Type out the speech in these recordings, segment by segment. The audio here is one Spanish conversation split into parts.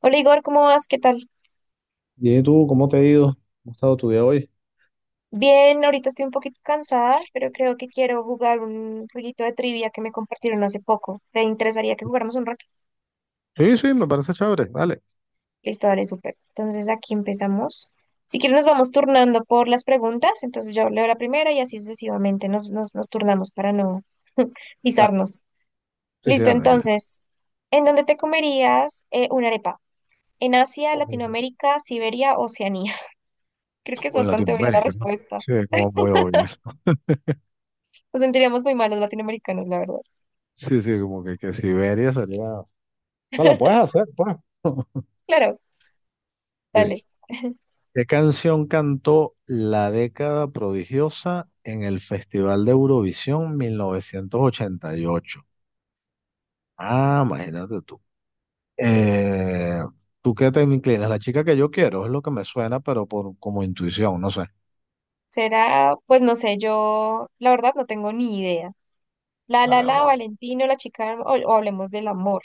Hola Igor, ¿cómo vas? ¿Qué tal? Dime tú, ¿cómo te ha ido? ¿Cómo ha estado tu día hoy? Bien, ahorita estoy un poquito cansada, pero creo que quiero jugar un jueguito de trivia que me compartieron hace poco. ¿Te interesaría que jugáramos un rato? Sí, sí, me parece chévere. Dale, Listo, dale, súper. Entonces aquí empezamos. Si quieres nos vamos turnando por las preguntas, entonces yo leo la primera y así sucesivamente nos turnamos para no dale. pisarnos. Sí, sí, Listo, dale, tranquila. entonces, ¿en dónde te comerías una arepa? ¿En Asia, Ojo. Latinoamérica, Siberia, Oceanía? Creo que es Pues bastante obvia la Latinoamérica, ¿no? respuesta. Sí, como muy obvio. Nos sentiríamos muy malos latinoamericanos, la verdad. Sí, sí, como que Siberia sería. No, la puedes hacer, pues. Claro. Sí. Dale. ¿Qué canción cantó La Década Prodigiosa en el Festival de Eurovisión 1988? Ah, imagínate tú. Eh, ¿Tú qué te inclinas? La chica que yo quiero es lo que me suena, pero por como intuición, no sé. Será, pues no sé, yo la verdad no tengo ni idea. La, la, Dale, la, vamos. Valentino, la chica, o hablemos del amor.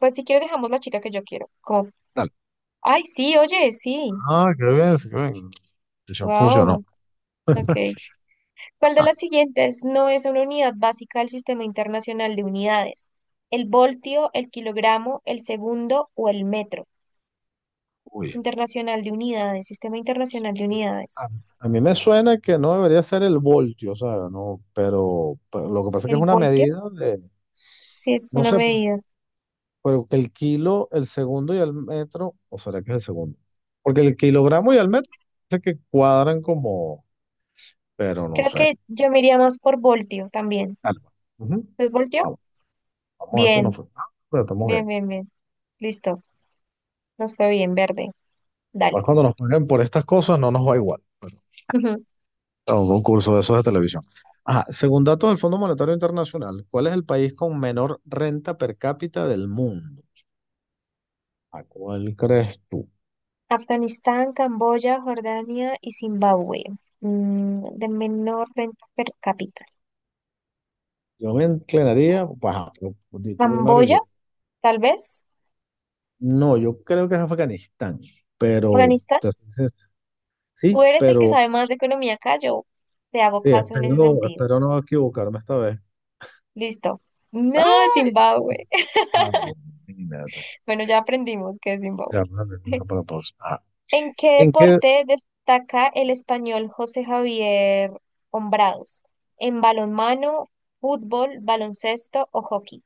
Pues si quieres dejamos la chica que yo quiero. Como, Dale. ay, sí, oye, sí. Ah, qué bien, qué bien. Decisión funcionó. Wow. Ok. ¿Cuál de Ah, las siguientes no es una unidad básica del Sistema Internacional de Unidades? ¿El voltio, el kilogramo, el segundo o el metro? uy. Internacional de Unidades, Sistema Internacional de A, Unidades. a mí me suena que no debería ser el voltio, ¿sabes? No, pero lo que pasa es que es ¿El una voltio? medida de, Sí, es no una sé, medida. pero que el kilo, el segundo y el metro, o será que es el segundo. Porque el kilogramo y el metro sé que cuadran como, pero no Creo sé. que yo me iría más por voltio también. Dale, pues. Ujú. ¿Les volteó? Vamos, vamos a ver cómo nos Bien, fue. Ah, pero estamos bien, bien. bien, bien. Listo. Nos fue bien, verde. Capaz Dale. cuando nos paguen por estas cosas no nos va igual, pues. A un concurso de esos de televisión. Ajá, según datos del Fondo Monetario Internacional, ¿cuál es el país con menor renta per cápita del mundo? ¿A cuál crees tú? Afganistán, Camboya, Jordania y Zimbabue. Mm, de menor renta per cápita. Yo me inclinaría, pues, ajá, pero di tú primario Camboya, yo. tal vez. No, yo creo que es Afganistán, pero Afganistán. te soy sincero. Tú Sí, eres el que pero sabe más de economía acá. Yo te hago sí, caso en ese espero, sentido. espero no equivocarme esta vez. Listo. No, ¡Ay! Zimbabue. Ah, bueno, imagínate. Bueno, ya aprendimos que es Zimbabue. Ya, bueno, eso para pausa. Ah, ¿En qué ¿en qué… deporte destaca el español José Javier Hombrados? ¿En balonmano, fútbol, baloncesto o hockey?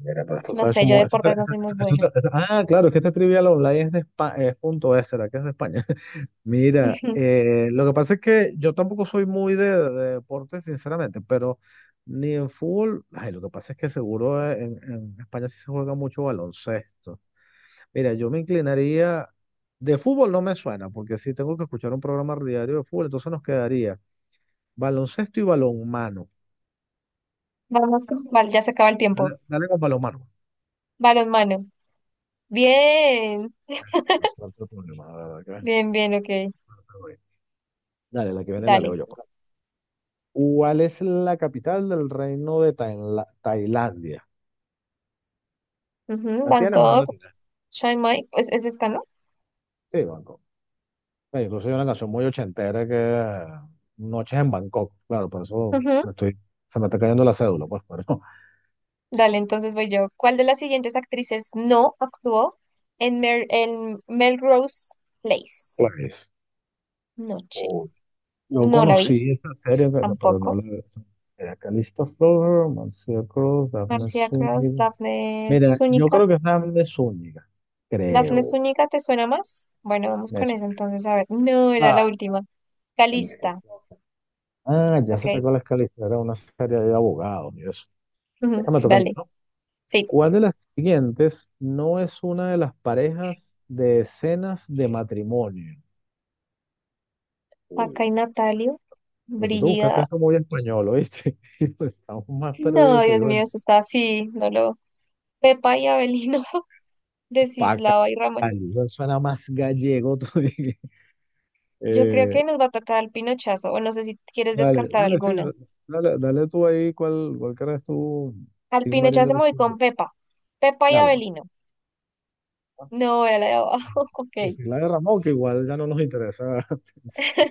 Mira, pero Uf, esto no está hecho sé, yo de mo- esto está- deportes no esto- soy muy esto- buena. Ah, claro, es que este Trivial Online es de España, es punto es, ¿será que es de España? Mira, lo que pasa es que yo tampoco soy muy de deporte, sinceramente, pero ni en fútbol, ay, lo que pasa es que seguro en España sí se juega mucho baloncesto. Mira, yo me inclinaría, de fútbol no me suena, porque sí tengo que escuchar un programa diario de fútbol, entonces nos quedaría baloncesto y balonmano. Vamos con cuál, ya se acaba el tiempo. Dale, dale con balonmano. Balonmano. Bien, No sé cuál fue el problema, la verdad bien, bien, ok. Dale, la que viene la Dale. leo yo, pues. ¿Cuál es la capital del reino de Tailandia? Ujú, ¿La tienes o no Bangkok, la tienes? Chiang Mai, pues es esta, ¿no? Sí, Bangkok. Incluso hay una canción muy ochentera que Noches en Bangkok. Claro, por eso Ujú, me estoy, se me está cayendo la cédula, pues, pero dale, entonces voy yo. ¿Cuál de las siguientes actrices no actuó en, Mer- en Melrose Place? pues, Noche. o- yo No la vi. conocí esta serie, pero no Tampoco. la era Calista Flower, Marcia Cross, Daphne Marcia Cross, Zúñiga. Daphne Mira, yo Zúñiga. creo que es Daphne Zúñiga, ¿Daphne creo. Zúñiga te suena más? Bueno, vamos Me con esa suena. entonces, a ver. No, era la Ah, última. Calista Calista, Flor. Ah, ya sé ok. cuál es Calista, era una serie de abogados y eso. Ujú, Esta me toca a mí, dale, ¿no? sí. ¿Cuál de las siguientes no es una de las parejas de escenas de matrimonio? Uy, Acá hay Natalio, pero tú te buscaste Brigida. esto muy español, ¿oíste? Estamos más No, perdidos que Dios digo mío, el eso está así, no lo. Pepa y Abelino, paca. Desislava y Ramón. Eso suena más gallego todavía. Yo creo Eh, que nos va a tocar al Pinochazo, o no sé si quieres Dale, descartar dale, sí, alguna. dale, dale tú ahí cuál crees tú, Al Tim Marín de Pinochazo me los voy Cien. con Pepa. Pepa y Dale, pues. Abelino. No, era la de abajo, ok. Decir la de Ramón, que igual ya no nos interesa.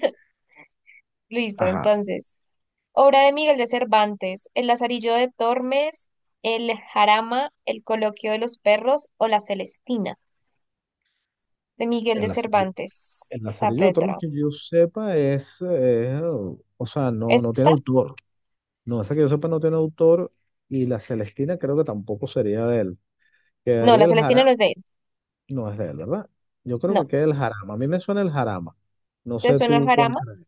Listo, Ajá. entonces. Obra de Miguel de Cervantes, El Lazarillo de Tormes, El Jarama, El Coloquio de los Perros o La Celestina, de Miguel El de lazarillo, Cervantes el lazarillo de Tormes Saavedra. que yo sepa es, o sea, no, no tiene ¿Esta? autor. No, esa que yo sepa no tiene autor y la Celestina creo que tampoco sería de él. No, La Quedaría el Celestina no Jarama, es de él. no es de él, ¿verdad? Yo creo que No. queda el Jarama. A mí me suena el Jarama. No ¿Te sé suena el tú cuál Jarama? crees.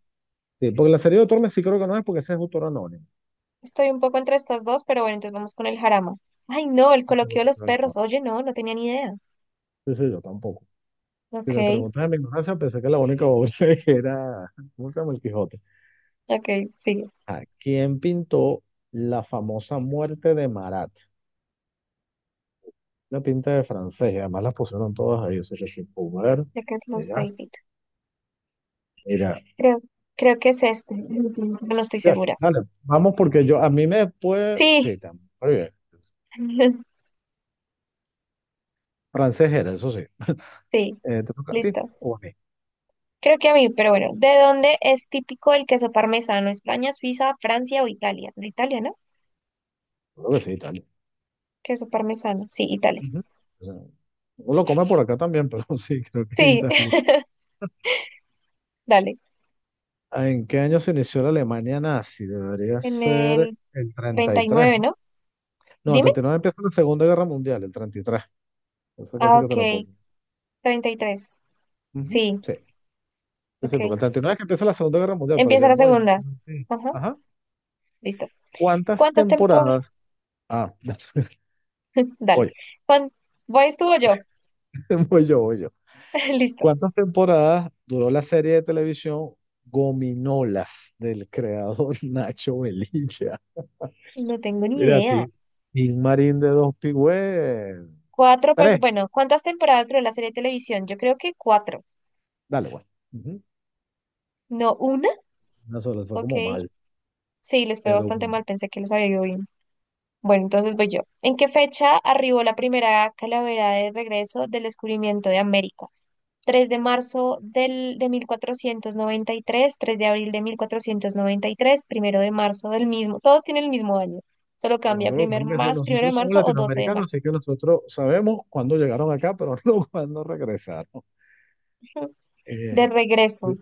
Sí, porque el lazarillo de Tormes sí creo que no es porque ese es autor anónimo. Estoy un poco entre estas dos, pero bueno, entonces vamos con el Jarama. Ay, no, El Eso es lo Coloquio de que los creo Perros. yo. Oye, no, no tenía ni idea. Sí, sí, yo tampoco. Si Ok, me preguntas en mi ignorancia, pensé que la única obra era, ¿cómo se llama? El Quijote. ok, sigue. Ah, ¿quién pintó la famosa muerte de Marat? Una pinta de francés, y además las pusieron todas ahí, o sea, que sin comer, De qué es Love verás, David. mira, Creo, creo que es este. El último, pero no estoy ya, segura. dale, vamos porque yo, a mí me puede, Sí, sí, también, muy bien, francés era, eso sí. sí, ¿Te toca a ti listo. o a mí? Creo que a mí, pero bueno, ¿de dónde es típico el queso parmesano? ¿España, Suiza, Francia o Italia? De Italia, ¿no? Creo que sí, Italia. Queso parmesano, sí, Italia. Ujú. O sea, uno lo come por acá también, pero sí, creo que Sí, Italia. dale. Ah, ¿en qué año se inició la Alemania nazi? Debería En ser el el treinta treinta y y tres nueve, ¿no? ¿no? No, el Dime. 39 empieza la Segunda Guerra Mundial, el 33 eso Ah, casi que te lo ok. pongo. Treinta y tres. Ujú, Sí, sí. Es ok. importante. No es que empieza la Segunda Guerra Mundial, pero ya Empieza el la movimiento segunda. no. Ajá, Ajá. listo. ¿Cuántas ¿Cuántas temporadas? temporadas? Ah, Dale. voy, ¿Cuán... ¿Voy tú o yo? voy yo. Listo. ¿Cuántas temporadas duró la serie de televisión Gominolas del creador Nacho Velilla? No tengo ni Mira a idea. ti. Gil Marín de Dos Pigüé. Cuatro personas. Tres. Bueno, ¿cuántas temporadas duró la serie de televisión? Yo creo que cuatro. Dale, bueno. Ujú. ¿No una? Una sola, fue como Ok. mal. Sí, les fue Pero bastante mal. Pensé que les había ido bien. Bueno, entonces voy yo. ¿En qué fecha arribó la primera calavera de regreso del descubrimiento de América? 3 de marzo de 1493, 3 de abril de 1493, primero de marzo del mismo. Todos tienen el mismo año, solo nosotros, cambia lo primer tenemos que decir, más, primero de nosotros somos marzo o 12 de latinoamericanos, marzo. así que nosotros sabemos cuándo llegaron acá, pero no cuándo regresaron. De Eh, regreso.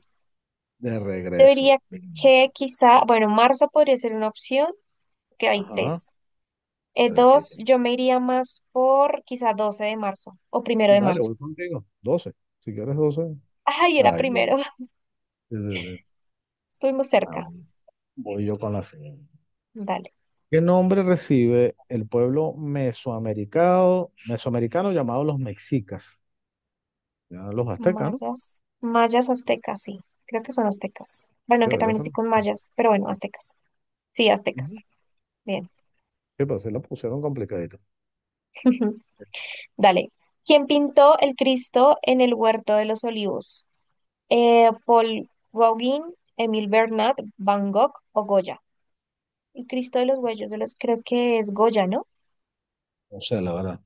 De regreso. Debería que Vinci. quizá, bueno, marzo podría ser una opción, que hay Ajá. tres. Pero Dos, yo me iría más por quizá 12 de marzo o primero de Dale, marzo. voy contigo. 12, si quieres 12. Ay, era Ay, primero, sí, sí, sí. estuvimos Ah, cerca. bueno. Voy yo con la siguiente. Dale. ¿Qué nombre recibe el pueblo mesoamericano, llamado los mexicas? Ya los aztecas, ¿no? Mayas, mayas aztecas, sí. Creo que son aztecas. Bueno, Sí, que ya también estoy con mayas, pero bueno, aztecas. Sí, Ujú. aztecas. Sí, Bien. pero se la pusieron complicadito. Dale. ¿Quién pintó el Cristo en el Huerto de los Olivos? Paul Gauguin, Emil Bernat, Van Gogh o Goya. El Cristo de los Huellos de los, creo que es Goya, ¿no? O sea, la verdad,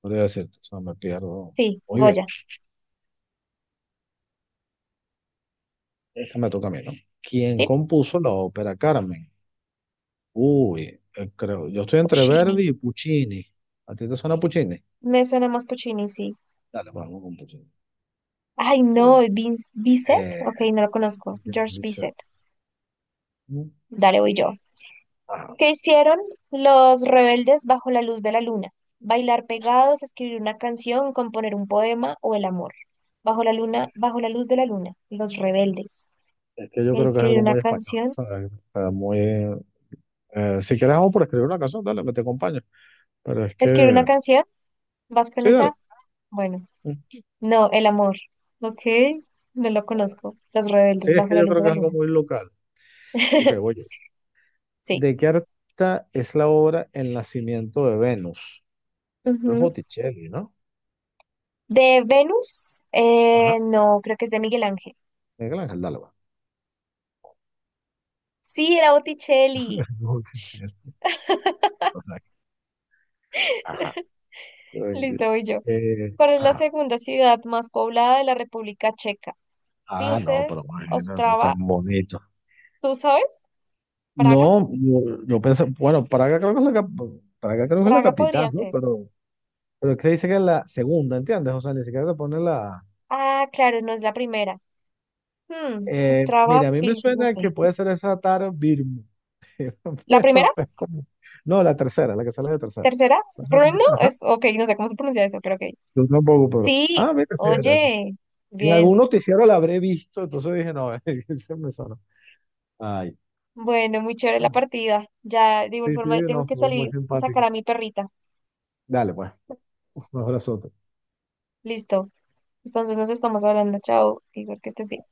podría decirte, o sea, me pierdo. Sí, Muy bien, Goya. esta me toca a mí, ¿no? ¿Quién Sí, compuso la ópera Carmen? Uy, creo. Yo estoy entre Puccini. Verdi y Puccini. ¿A ti te suena Puccini? Me suena más Puccini, sí. Dale, vamos con Puccini. Ay, no, Uy, Vince, Bizet. eh, Ok, no lo conozco. George dice, Bizet. mm, Dale, voy yo. ah, ¿Qué hicieron los rebeldes bajo la luz de la luna? Bailar pegados, escribir una canción, componer un poema o el amor. Bajo la luna, bajo la luz de la luna, los rebeldes. es que yo creo que es Escribir algo una muy español, canción. ¿sabes? O sea, muy, si quieres, vamos por escribir una canción, dale, me te acompaño. Pero es Escribir una que, canción. ¿Vas con sí, dale. esa? Bueno, Mm. no, el amor. Ok, no lo conozco. Los Sí, rebeldes es bajo que la yo luz creo de que la es algo luna. muy local. Ok, voy yo. Sí. ¿De qué artista es la obra El nacimiento de Venus? Es Ujú. Botticelli, ¿no? ¿De Venus? Ajá, No, creo que es de Miguel Ángel. Miguel Ángel, dale, va. Sí, era Botticelli. Botticelli. Ajá. Eh, Listo, voy yo. ¿Cuál es la ajá. segunda ciudad más poblada de la República Checa? Ah, no, pero Pilses, imagínate, tan Ostrava, bonito. ¿tú sabes? Praga. No, yo pensé, bueno, Praga creo que es Praga creo que es la Praga podría capital, ¿no? ser. Pero es que dice que es la segunda, ¿entiendes? O sea, ni siquiera te pone la… Ah, claro, no es la primera. Hmm, Ostrava, mira, a mí me Pils, no suena sé. que puede ser esa Taro Birmo, ¿La primera? pero es No, la tercera, la que sale de tercera. ¿Tercera? Brno Ajá, es, ok, no sé cómo se pronuncia eso, pero ok. yo tampoco, pero… Sí, Ah, mira, sí, era. oye, En algún bien. noticiero la habré visto, entonces dije, no, se me sonó. Ay. Bueno, muy chévere la partida. Ya, de igual Sí, sí, forma, no, tengo que estuvo muy salir a simpática. sacar a mi perrita. Dale, pues. Un abrazo. Listo. Entonces nos estamos hablando. Chao, Igor, que estés bien.